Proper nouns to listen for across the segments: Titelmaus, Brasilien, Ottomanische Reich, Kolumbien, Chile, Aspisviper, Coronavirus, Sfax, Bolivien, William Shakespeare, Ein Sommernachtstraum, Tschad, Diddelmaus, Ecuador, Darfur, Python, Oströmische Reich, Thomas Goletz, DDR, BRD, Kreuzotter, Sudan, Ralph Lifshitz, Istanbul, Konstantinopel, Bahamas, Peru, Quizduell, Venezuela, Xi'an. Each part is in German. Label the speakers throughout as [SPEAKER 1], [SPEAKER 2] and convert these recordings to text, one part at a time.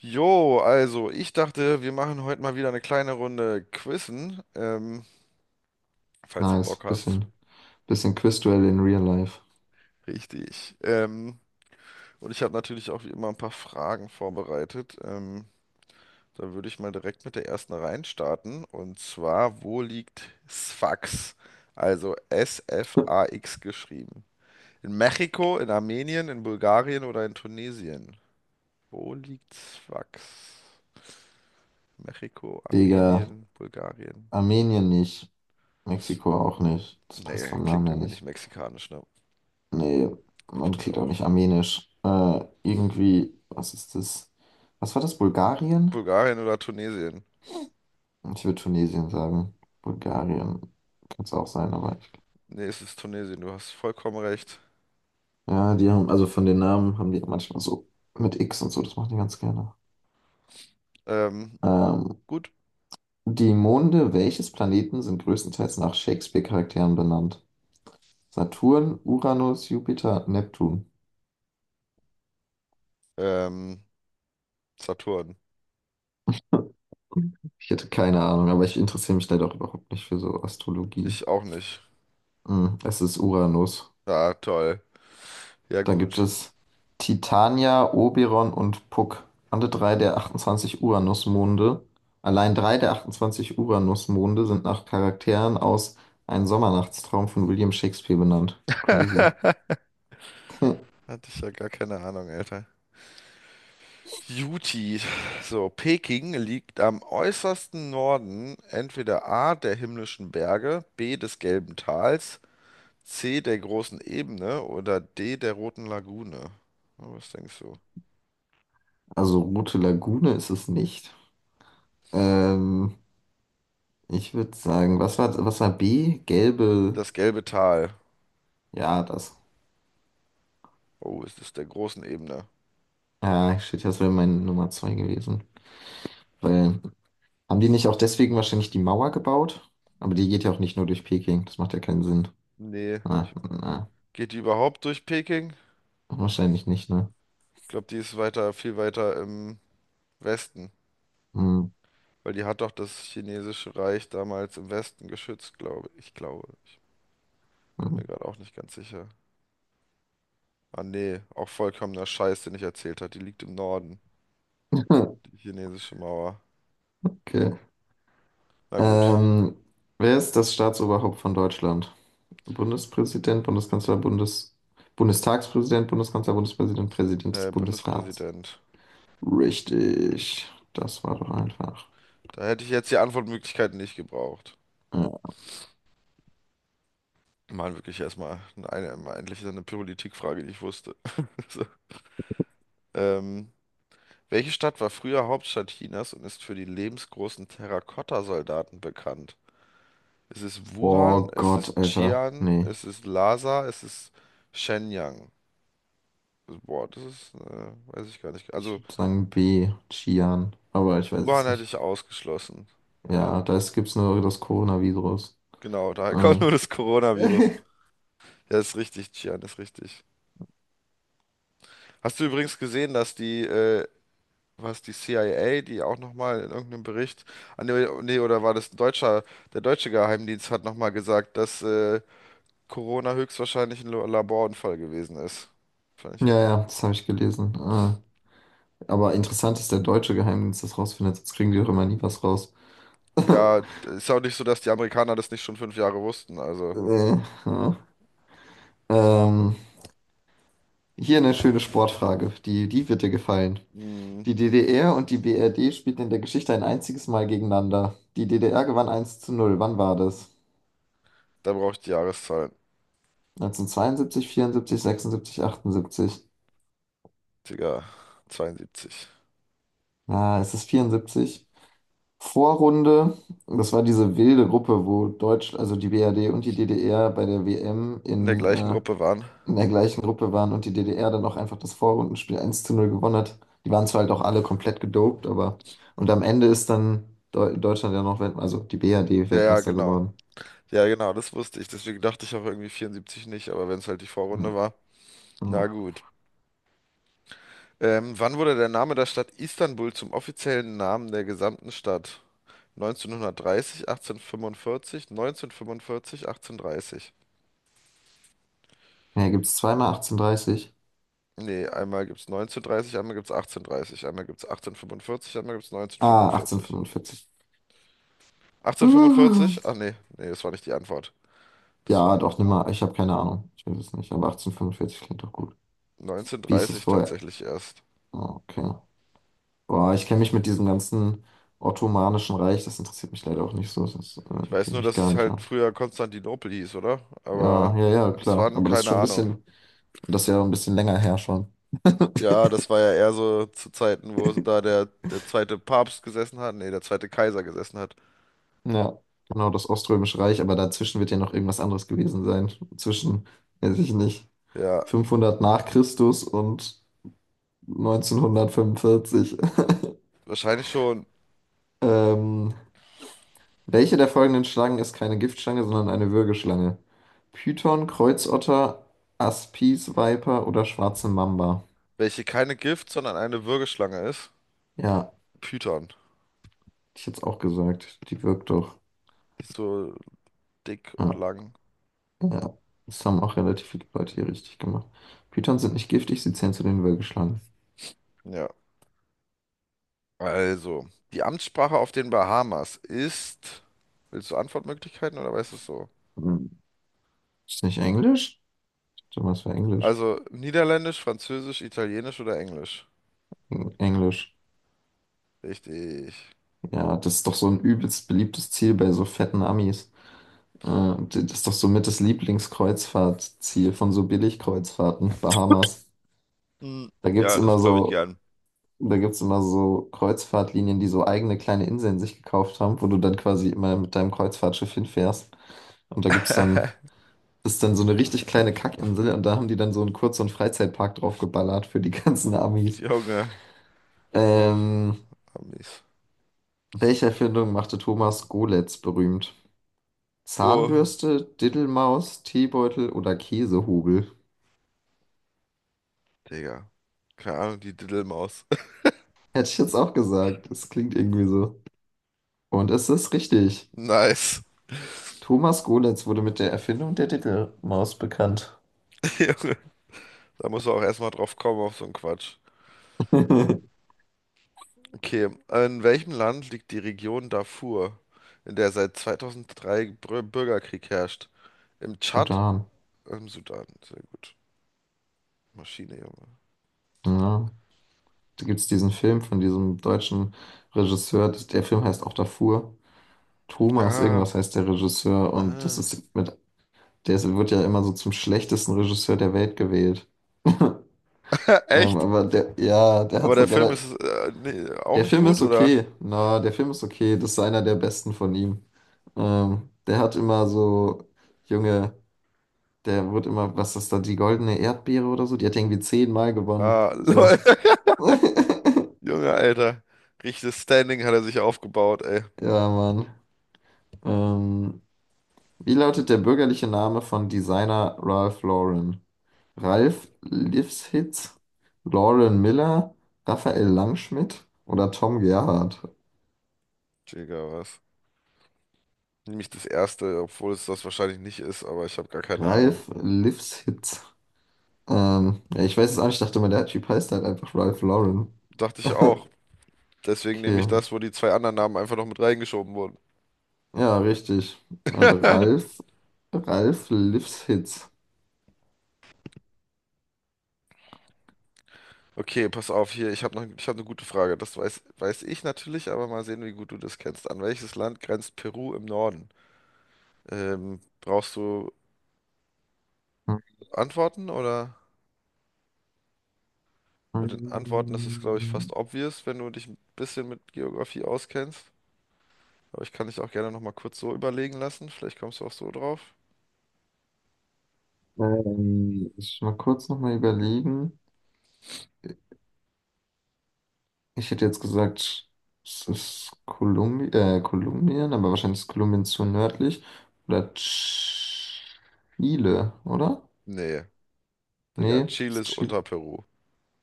[SPEAKER 1] Jo, also ich dachte, wir machen heute mal wieder eine kleine Runde Quizzen, falls du
[SPEAKER 2] Nice.
[SPEAKER 1] Bock hast.
[SPEAKER 2] Bisschen Quizduell in Real Life.
[SPEAKER 1] Richtig. Und ich habe natürlich auch wie immer ein paar Fragen vorbereitet. Da würde ich mal direkt mit der ersten reinstarten. Und zwar, wo liegt Sfax? Also S-F-A-X geschrieben. In Mexiko, in Armenien, in Bulgarien oder in Tunesien? Wo liegt Sfax? Mexiko,
[SPEAKER 2] Digga,
[SPEAKER 1] Armenien, Bulgarien.
[SPEAKER 2] Armenien nicht. Mexiko auch nicht. Das passt
[SPEAKER 1] Nee,
[SPEAKER 2] vom Namen
[SPEAKER 1] klingt
[SPEAKER 2] her
[SPEAKER 1] irgendwie nicht
[SPEAKER 2] nicht.
[SPEAKER 1] mexikanisch, ne?
[SPEAKER 2] Nee, man
[SPEAKER 1] Finde ich
[SPEAKER 2] klingt auch
[SPEAKER 1] auch.
[SPEAKER 2] nicht armenisch. Irgendwie, was ist das? Was war das? Bulgarien?
[SPEAKER 1] Bulgarien oder Tunesien?
[SPEAKER 2] Ich würde Tunesien sagen. Bulgarien kann es auch sein, aber ich,
[SPEAKER 1] Nee, es ist Tunesien, du hast vollkommen recht.
[SPEAKER 2] ja, die haben, also von den Namen haben die manchmal so mit X und so, das machen die ganz gerne.
[SPEAKER 1] Ähm,
[SPEAKER 2] Ähm,
[SPEAKER 1] gut.
[SPEAKER 2] Die Monde welches Planeten sind größtenteils nach Shakespeare-Charakteren benannt? Saturn, Uranus, Jupiter, Neptun.
[SPEAKER 1] Ähm, Saturn.
[SPEAKER 2] Ich hätte keine Ahnung, aber ich interessiere mich leider auch überhaupt nicht für so Astrologie.
[SPEAKER 1] Ich auch nicht.
[SPEAKER 2] Hm, es ist Uranus.
[SPEAKER 1] Ah, toll. Ja,
[SPEAKER 2] Dann gibt
[SPEAKER 1] gut.
[SPEAKER 2] es Titania, Oberon und Puck. Alle drei der 28 Uranusmonde. Allein drei der 28 Uranusmonde sind nach Charakteren aus Ein Sommernachtstraum von William Shakespeare benannt. Crazy.
[SPEAKER 1] Hatte ich ja gar keine Ahnung, Alter. Juti. So, Peking liegt am äußersten Norden entweder A der himmlischen Berge, B des Gelben Tals, C der großen Ebene oder D der Roten Lagune. Na, was denkst du?
[SPEAKER 2] Also Rote Lagune ist es nicht. Ähm, Ich würde sagen, was war B? Gelbe.
[SPEAKER 1] Das gelbe Tal.
[SPEAKER 2] Ja, das.
[SPEAKER 1] Oh, ist das der großen Ebene?
[SPEAKER 2] Ja, shit, das wäre meine Nummer 2 gewesen. Weil, haben die nicht auch deswegen wahrscheinlich die Mauer gebaut? Aber die geht ja auch nicht nur durch Peking. Das macht ja keinen Sinn.
[SPEAKER 1] Nee.
[SPEAKER 2] Na, na,
[SPEAKER 1] Geht die überhaupt durch Peking?
[SPEAKER 2] wahrscheinlich nicht, ne?
[SPEAKER 1] Ich glaube, die ist weiter, viel weiter im Westen.
[SPEAKER 2] Hm,
[SPEAKER 1] Weil die hat doch das chinesische Reich damals im Westen geschützt, glaube ich. Ich glaube. Ich bin
[SPEAKER 2] hm.
[SPEAKER 1] mir gerade auch nicht ganz sicher. Ah, nee. Auch vollkommener Scheiß, den ich erzählt habe. Die liegt im Norden. Die chinesische Mauer.
[SPEAKER 2] Okay.
[SPEAKER 1] Na gut.
[SPEAKER 2] Ähm, Wer ist das Staatsoberhaupt von Deutschland? Bundespräsident, Bundeskanzler, Bundestagspräsident, Bundeskanzler, Bundespräsident, Präsident des
[SPEAKER 1] Herr
[SPEAKER 2] Bundesrats.
[SPEAKER 1] Bundespräsident.
[SPEAKER 2] Richtig. Das war doch einfach.
[SPEAKER 1] Da hätte ich jetzt die Antwortmöglichkeiten nicht gebraucht.
[SPEAKER 2] Äh,
[SPEAKER 1] Mann, wirklich erstmal eine, endlich so eine Politikfrage, die ich wusste. So. Ähm. Welche Stadt war früher Hauptstadt Chinas und ist für die lebensgroßen Terrakotta-Soldaten bekannt? Es ist Wuhan,
[SPEAKER 2] Oh
[SPEAKER 1] es ist
[SPEAKER 2] Gott, Alter.
[SPEAKER 1] Xi'an,
[SPEAKER 2] Nee,
[SPEAKER 1] es ist Shenyang? Boah, das ist, weiß ich gar nicht.
[SPEAKER 2] ich
[SPEAKER 1] Also
[SPEAKER 2] würde sagen B, Xi'an. Aber ich weiß
[SPEAKER 1] Wuhan
[SPEAKER 2] es
[SPEAKER 1] hätte
[SPEAKER 2] nicht.
[SPEAKER 1] ich ausgeschlossen. Ja,
[SPEAKER 2] Ja, da gibt es nur das Coronavirus.
[SPEAKER 1] genau, daher kommt
[SPEAKER 2] Äh.
[SPEAKER 1] nur das Coronavirus. Ja, ist richtig, Xi'an ist richtig. Hast du übrigens gesehen, dass die, was die CIA, die auch nochmal in irgendeinem Bericht, ah, nee, nee, oder war das ein deutscher, der deutsche Geheimdienst hat nochmal gesagt, dass Corona höchstwahrscheinlich ein Laborunfall gewesen ist. Fand ich
[SPEAKER 2] Ja,
[SPEAKER 1] halt.
[SPEAKER 2] ja, das habe ich gelesen. Aber interessant ist, der deutsche Geheimdienst das rausfindet, sonst kriegen die doch immer nie was raus.
[SPEAKER 1] Ja, ist auch nicht so, dass die Amerikaner das nicht schon fünf Jahre wussten. Also,
[SPEAKER 2] Äh, ja. Ähm, Hier eine schöne Sportfrage, die wird dir gefallen.
[SPEAKER 1] hm,
[SPEAKER 2] Die DDR und die BRD spielten in der Geschichte ein einziges Mal gegeneinander. Die DDR gewann eins zu null. Wann war das?
[SPEAKER 1] da brauche ich die Jahreszahlen.
[SPEAKER 2] 1972, 74, 76, 78.
[SPEAKER 1] Digga, 72.
[SPEAKER 2] Ja, es ist 74. Vorrunde, das war diese wilde Gruppe, wo Deutsch, also die BRD und die DDR bei der WM
[SPEAKER 1] In der gleichen Gruppe waren.
[SPEAKER 2] in der gleichen Gruppe waren und die DDR dann auch einfach das Vorrundenspiel 1 zu 0 gewonnen hat. Die waren zwar halt auch alle komplett gedopt, aber und am Ende ist dann Deutschland ja noch Weltmeister, also die BRD
[SPEAKER 1] Ja, ja,
[SPEAKER 2] Weltmeister
[SPEAKER 1] genau.
[SPEAKER 2] geworden.
[SPEAKER 1] Ja, genau, das wusste ich. Deswegen dachte ich auch irgendwie 74 nicht, aber wenn es halt die Vorrunde war. Na gut. Wann wurde der Name der Stadt Istanbul zum offiziellen Namen der gesamten Stadt? 1930, 1845, 1945, 1830.
[SPEAKER 2] Ja, gibt es zweimal 1830?
[SPEAKER 1] Nee, einmal gibt's 1930, einmal gibt's 1830, einmal gibt's 1845, einmal gibt's
[SPEAKER 2] Ah,
[SPEAKER 1] 1945.
[SPEAKER 2] 1845.
[SPEAKER 1] 1845? Ach nee, nee, das war nicht die Antwort. Das war
[SPEAKER 2] Ja, doch, nimm mal. Ich habe keine Ahnung. Ich weiß es nicht. Aber 1845 klingt doch gut. Wie ist es
[SPEAKER 1] 1930
[SPEAKER 2] vorher?
[SPEAKER 1] tatsächlich erst.
[SPEAKER 2] Ah, okay. Boah, ich kenne mich mit diesem ganzen Ottomanischen Reich, das interessiert mich leider auch nicht so. Das kenne
[SPEAKER 1] Ich weiß
[SPEAKER 2] ich
[SPEAKER 1] nur,
[SPEAKER 2] mich
[SPEAKER 1] dass
[SPEAKER 2] gar
[SPEAKER 1] es
[SPEAKER 2] nicht
[SPEAKER 1] halt
[SPEAKER 2] aus.
[SPEAKER 1] früher Konstantinopel hieß, oder? Aber
[SPEAKER 2] Ja, ja, ja,
[SPEAKER 1] bis
[SPEAKER 2] klar.
[SPEAKER 1] wann,
[SPEAKER 2] Aber das ist
[SPEAKER 1] keine
[SPEAKER 2] schon ein
[SPEAKER 1] Ahnung.
[SPEAKER 2] bisschen, das ist ja ein bisschen länger her schon.
[SPEAKER 1] Ja, das war ja eher so zu Zeiten, wo da der zweite Papst gesessen hat, nee, der zweite Kaiser gesessen hat.
[SPEAKER 2] Ja, genau, das Oströmische Reich, aber dazwischen wird ja noch irgendwas anderes gewesen sein. Zwischen, weiß ich nicht,
[SPEAKER 1] Ja,
[SPEAKER 2] 500 nach Christus und 1945.
[SPEAKER 1] wahrscheinlich schon,
[SPEAKER 2] Ähm, welche der folgenden Schlangen ist keine Giftschlange, sondern eine Würgeschlange? Python, Kreuzotter, Aspisviper oder schwarze Mamba?
[SPEAKER 1] welche keine Gift, sondern eine Würgeschlange ist.
[SPEAKER 2] Ja,
[SPEAKER 1] Python.
[SPEAKER 2] hätte ich jetzt auch gesagt. Die wirkt doch.
[SPEAKER 1] Die ist so dick und
[SPEAKER 2] Ja,
[SPEAKER 1] lang.
[SPEAKER 2] ja. Das haben auch relativ viele Leute hier richtig gemacht. Pythons sind nicht giftig, sie zählen zu den Würgeschlangen.
[SPEAKER 1] Ja. Also, die Amtssprache auf den Bahamas ist. Willst du Antwortmöglichkeiten oder weißt du es so?
[SPEAKER 2] Hm. Ist nicht Englisch? Warte mal, es war Englisch.
[SPEAKER 1] Also, Niederländisch, Französisch, Italienisch oder Englisch?
[SPEAKER 2] Englisch.
[SPEAKER 1] Richtig.
[SPEAKER 2] Ja, das ist doch so ein übelst beliebtes Ziel bei so fetten Amis. Das ist doch so mit das Lieblingskreuzfahrtziel von so Billigkreuzfahrten, Bahamas.
[SPEAKER 1] Hm,
[SPEAKER 2] Da gibt's
[SPEAKER 1] ja, das
[SPEAKER 2] immer
[SPEAKER 1] glaube ich
[SPEAKER 2] so,
[SPEAKER 1] gern.
[SPEAKER 2] da gibt's immer so Kreuzfahrtlinien, die so eigene kleine Inseln sich gekauft haben, wo du dann quasi immer mit deinem Kreuzfahrtschiff hinfährst. Und da gibt's dann, ist dann so eine richtig kleine Kackinsel und da haben die dann so einen Kurz- und Freizeitpark draufgeballert für die ganzen Amis.
[SPEAKER 1] Junge. Oh,
[SPEAKER 2] Ähm,
[SPEAKER 1] Amis.
[SPEAKER 2] welche Erfindung machte Thomas Goletz berühmt?
[SPEAKER 1] Oh,
[SPEAKER 2] Zahnbürste, Diddelmaus, Teebeutel oder Käsehobel?
[SPEAKER 1] Digga. Keine Ahnung, die Diddelmaus.
[SPEAKER 2] Hätte ich jetzt auch gesagt. Das klingt irgendwie so. Und es ist richtig.
[SPEAKER 1] Nice.
[SPEAKER 2] Thomas Golitz wurde mit der Erfindung der Titelmaus bekannt.
[SPEAKER 1] Junge. Da musst du auch erstmal drauf kommen auf so einen Quatsch. Okay, in welchem Land liegt die Region Darfur, in der seit 2003 Bürgerkrieg herrscht? Im Tschad,
[SPEAKER 2] Sudan.
[SPEAKER 1] im Sudan, sehr gut. Maschine, Junge.
[SPEAKER 2] Ja. Da gibt es diesen Film von diesem deutschen Regisseur. Der Film heißt auch Darfur. Thomas,
[SPEAKER 1] Ah,
[SPEAKER 2] irgendwas heißt der Regisseur. Und das
[SPEAKER 1] ah.
[SPEAKER 2] ist mit, wird ja immer so zum schlechtesten Regisseur der Welt gewählt.
[SPEAKER 1] Echt?
[SPEAKER 2] Aber der, ja, der hat
[SPEAKER 1] Aber
[SPEAKER 2] so
[SPEAKER 1] der Film
[SPEAKER 2] relativ.
[SPEAKER 1] ist nee, auch
[SPEAKER 2] Der
[SPEAKER 1] nicht
[SPEAKER 2] Film
[SPEAKER 1] gut,
[SPEAKER 2] ist
[SPEAKER 1] oder?
[SPEAKER 2] okay. Na, der Film ist okay. Das ist einer der besten von ihm. Der hat immer so junge. Der wurde immer, was ist das da, die goldene Erdbeere oder so? Die hat irgendwie 10-mal gewonnen.
[SPEAKER 1] Ah, lol.
[SPEAKER 2] So.
[SPEAKER 1] Junge, Alter. Richtiges Standing hat er sich aufgebaut, ey.
[SPEAKER 2] Ja, Mann. Ähm, wie lautet der bürgerliche Name von Designer Ralph Lauren? Ralph Lifshitz, Lauren Miller, Raphael Langschmidt oder Tom Gerhardt?
[SPEAKER 1] Digga, was? Nämlich das erste, obwohl es das wahrscheinlich nicht ist, aber ich habe gar keine Ahnung.
[SPEAKER 2] Ralph Lifshitz. Ja, ich weiß es auch nicht, ich dachte mal, der Typ heißt halt einfach Ralph Lauren.
[SPEAKER 1] Dachte ich auch. Deswegen nehme ich
[SPEAKER 2] Okay.
[SPEAKER 1] das, wo die zwei anderen Namen einfach noch mit reingeschoben wurden.
[SPEAKER 2] Ja, richtig. Ralph, Ralph Lifshitz.
[SPEAKER 1] Okay, pass auf, hier, ich habe noch, ich hab eine gute Frage. Das weiß ich natürlich, aber mal sehen, wie gut du das kennst. An welches Land grenzt Peru im Norden? Brauchst du Antworten oder? Mit den Antworten ist es, glaube ich, fast
[SPEAKER 2] Ähm,
[SPEAKER 1] obvious, wenn du dich ein bisschen mit Geografie auskennst. Aber ich kann dich auch gerne nochmal kurz so überlegen lassen. Vielleicht kommst du auch so drauf.
[SPEAKER 2] ich mal kurz nochmal überlegen. Ich hätte jetzt gesagt, es ist Kolumbien, aber wahrscheinlich ist Kolumbien zu nördlich. Oder Chile, oder?
[SPEAKER 1] Nee, Digga,
[SPEAKER 2] Nee,
[SPEAKER 1] Chile
[SPEAKER 2] ist
[SPEAKER 1] ist
[SPEAKER 2] Chile.
[SPEAKER 1] unter Peru.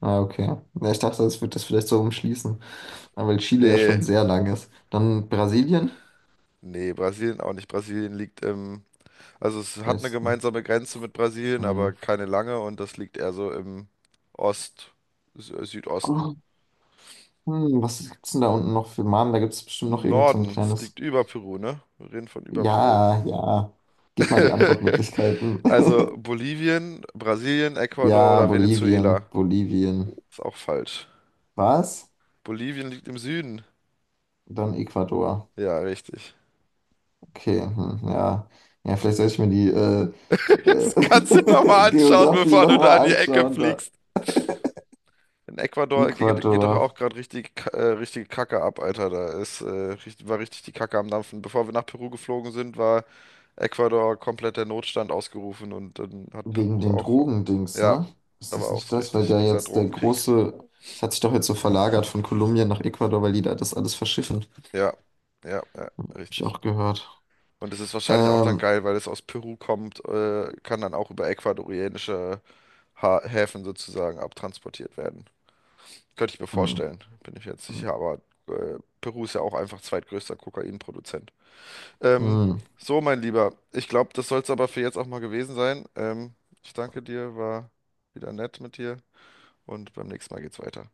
[SPEAKER 2] Ah, okay. Ja, ich dachte, das wird das vielleicht so umschließen, ah, weil Chile ja schon
[SPEAKER 1] Nee,
[SPEAKER 2] sehr lang ist. Dann Brasilien?
[SPEAKER 1] nee, Brasilien auch nicht. Brasilien liegt im, also es hat eine
[SPEAKER 2] Westen.
[SPEAKER 1] gemeinsame Grenze mit Brasilien, aber
[SPEAKER 2] Hm.
[SPEAKER 1] keine lange und das liegt eher so im Ost, Südosten.
[SPEAKER 2] Hm, was gibt's denn da unten noch für Namen? Da gibt es bestimmt noch irgend so ein
[SPEAKER 1] Norden, es
[SPEAKER 2] kleines.
[SPEAKER 1] liegt über Peru, ne? Wir reden von über Peru.
[SPEAKER 2] Ja, ja. Gib mal die Antwortmöglichkeiten.
[SPEAKER 1] Also Bolivien, Brasilien, Ecuador
[SPEAKER 2] Ja,
[SPEAKER 1] oder
[SPEAKER 2] Bolivien,
[SPEAKER 1] Venezuela.
[SPEAKER 2] Bolivien.
[SPEAKER 1] Ist auch falsch.
[SPEAKER 2] Was?
[SPEAKER 1] Bolivien liegt im Süden.
[SPEAKER 2] Dann Ecuador.
[SPEAKER 1] Ja, richtig.
[SPEAKER 2] Okay, hm, ja. Ja, vielleicht soll ich mir die
[SPEAKER 1] Das kannst du nochmal anschauen,
[SPEAKER 2] Geografie
[SPEAKER 1] bevor du da in
[SPEAKER 2] nochmal
[SPEAKER 1] die Ecke
[SPEAKER 2] anschauen. Da.
[SPEAKER 1] fliegst. In Ecuador geht doch auch
[SPEAKER 2] Ecuador,
[SPEAKER 1] gerade richtig, richtige Kacke ab, Alter. Da ist, richtig, war richtig die Kacke am Dampfen. Bevor wir nach Peru geflogen sind, war Ecuador komplett der Notstand ausgerufen und dann hat
[SPEAKER 2] wegen
[SPEAKER 1] Peru
[SPEAKER 2] den
[SPEAKER 1] auch.
[SPEAKER 2] Drogendings,
[SPEAKER 1] Ja,
[SPEAKER 2] ne? Ist
[SPEAKER 1] da war
[SPEAKER 2] das
[SPEAKER 1] auch
[SPEAKER 2] nicht
[SPEAKER 1] so
[SPEAKER 2] das? Weil
[SPEAKER 1] richtig,
[SPEAKER 2] der
[SPEAKER 1] dieser
[SPEAKER 2] jetzt der
[SPEAKER 1] Drogenkrieg.
[SPEAKER 2] große, es hat sich doch jetzt so verlagert von Kolumbien nach Ecuador, weil die da das alles verschiffen.
[SPEAKER 1] Ja, ja, ja,
[SPEAKER 2] Hab ich
[SPEAKER 1] richtig.
[SPEAKER 2] auch gehört.
[SPEAKER 1] Und das ist wahrscheinlich auch dann
[SPEAKER 2] Ähm,
[SPEAKER 1] geil, weil es aus Peru kommt, kann dann auch über ecuadorianische ha Häfen sozusagen abtransportiert werden. Könnte ich mir
[SPEAKER 2] mm,
[SPEAKER 1] vorstellen, bin ich jetzt
[SPEAKER 2] mm,
[SPEAKER 1] sicher, aber Peru ist ja auch einfach zweitgrößter Kokainproduzent. Ähm,
[SPEAKER 2] mm.
[SPEAKER 1] so, mein Lieber, ich glaube, das soll es aber für jetzt auch mal gewesen sein. Ich danke dir, war wieder nett mit dir und beim nächsten Mal geht's weiter.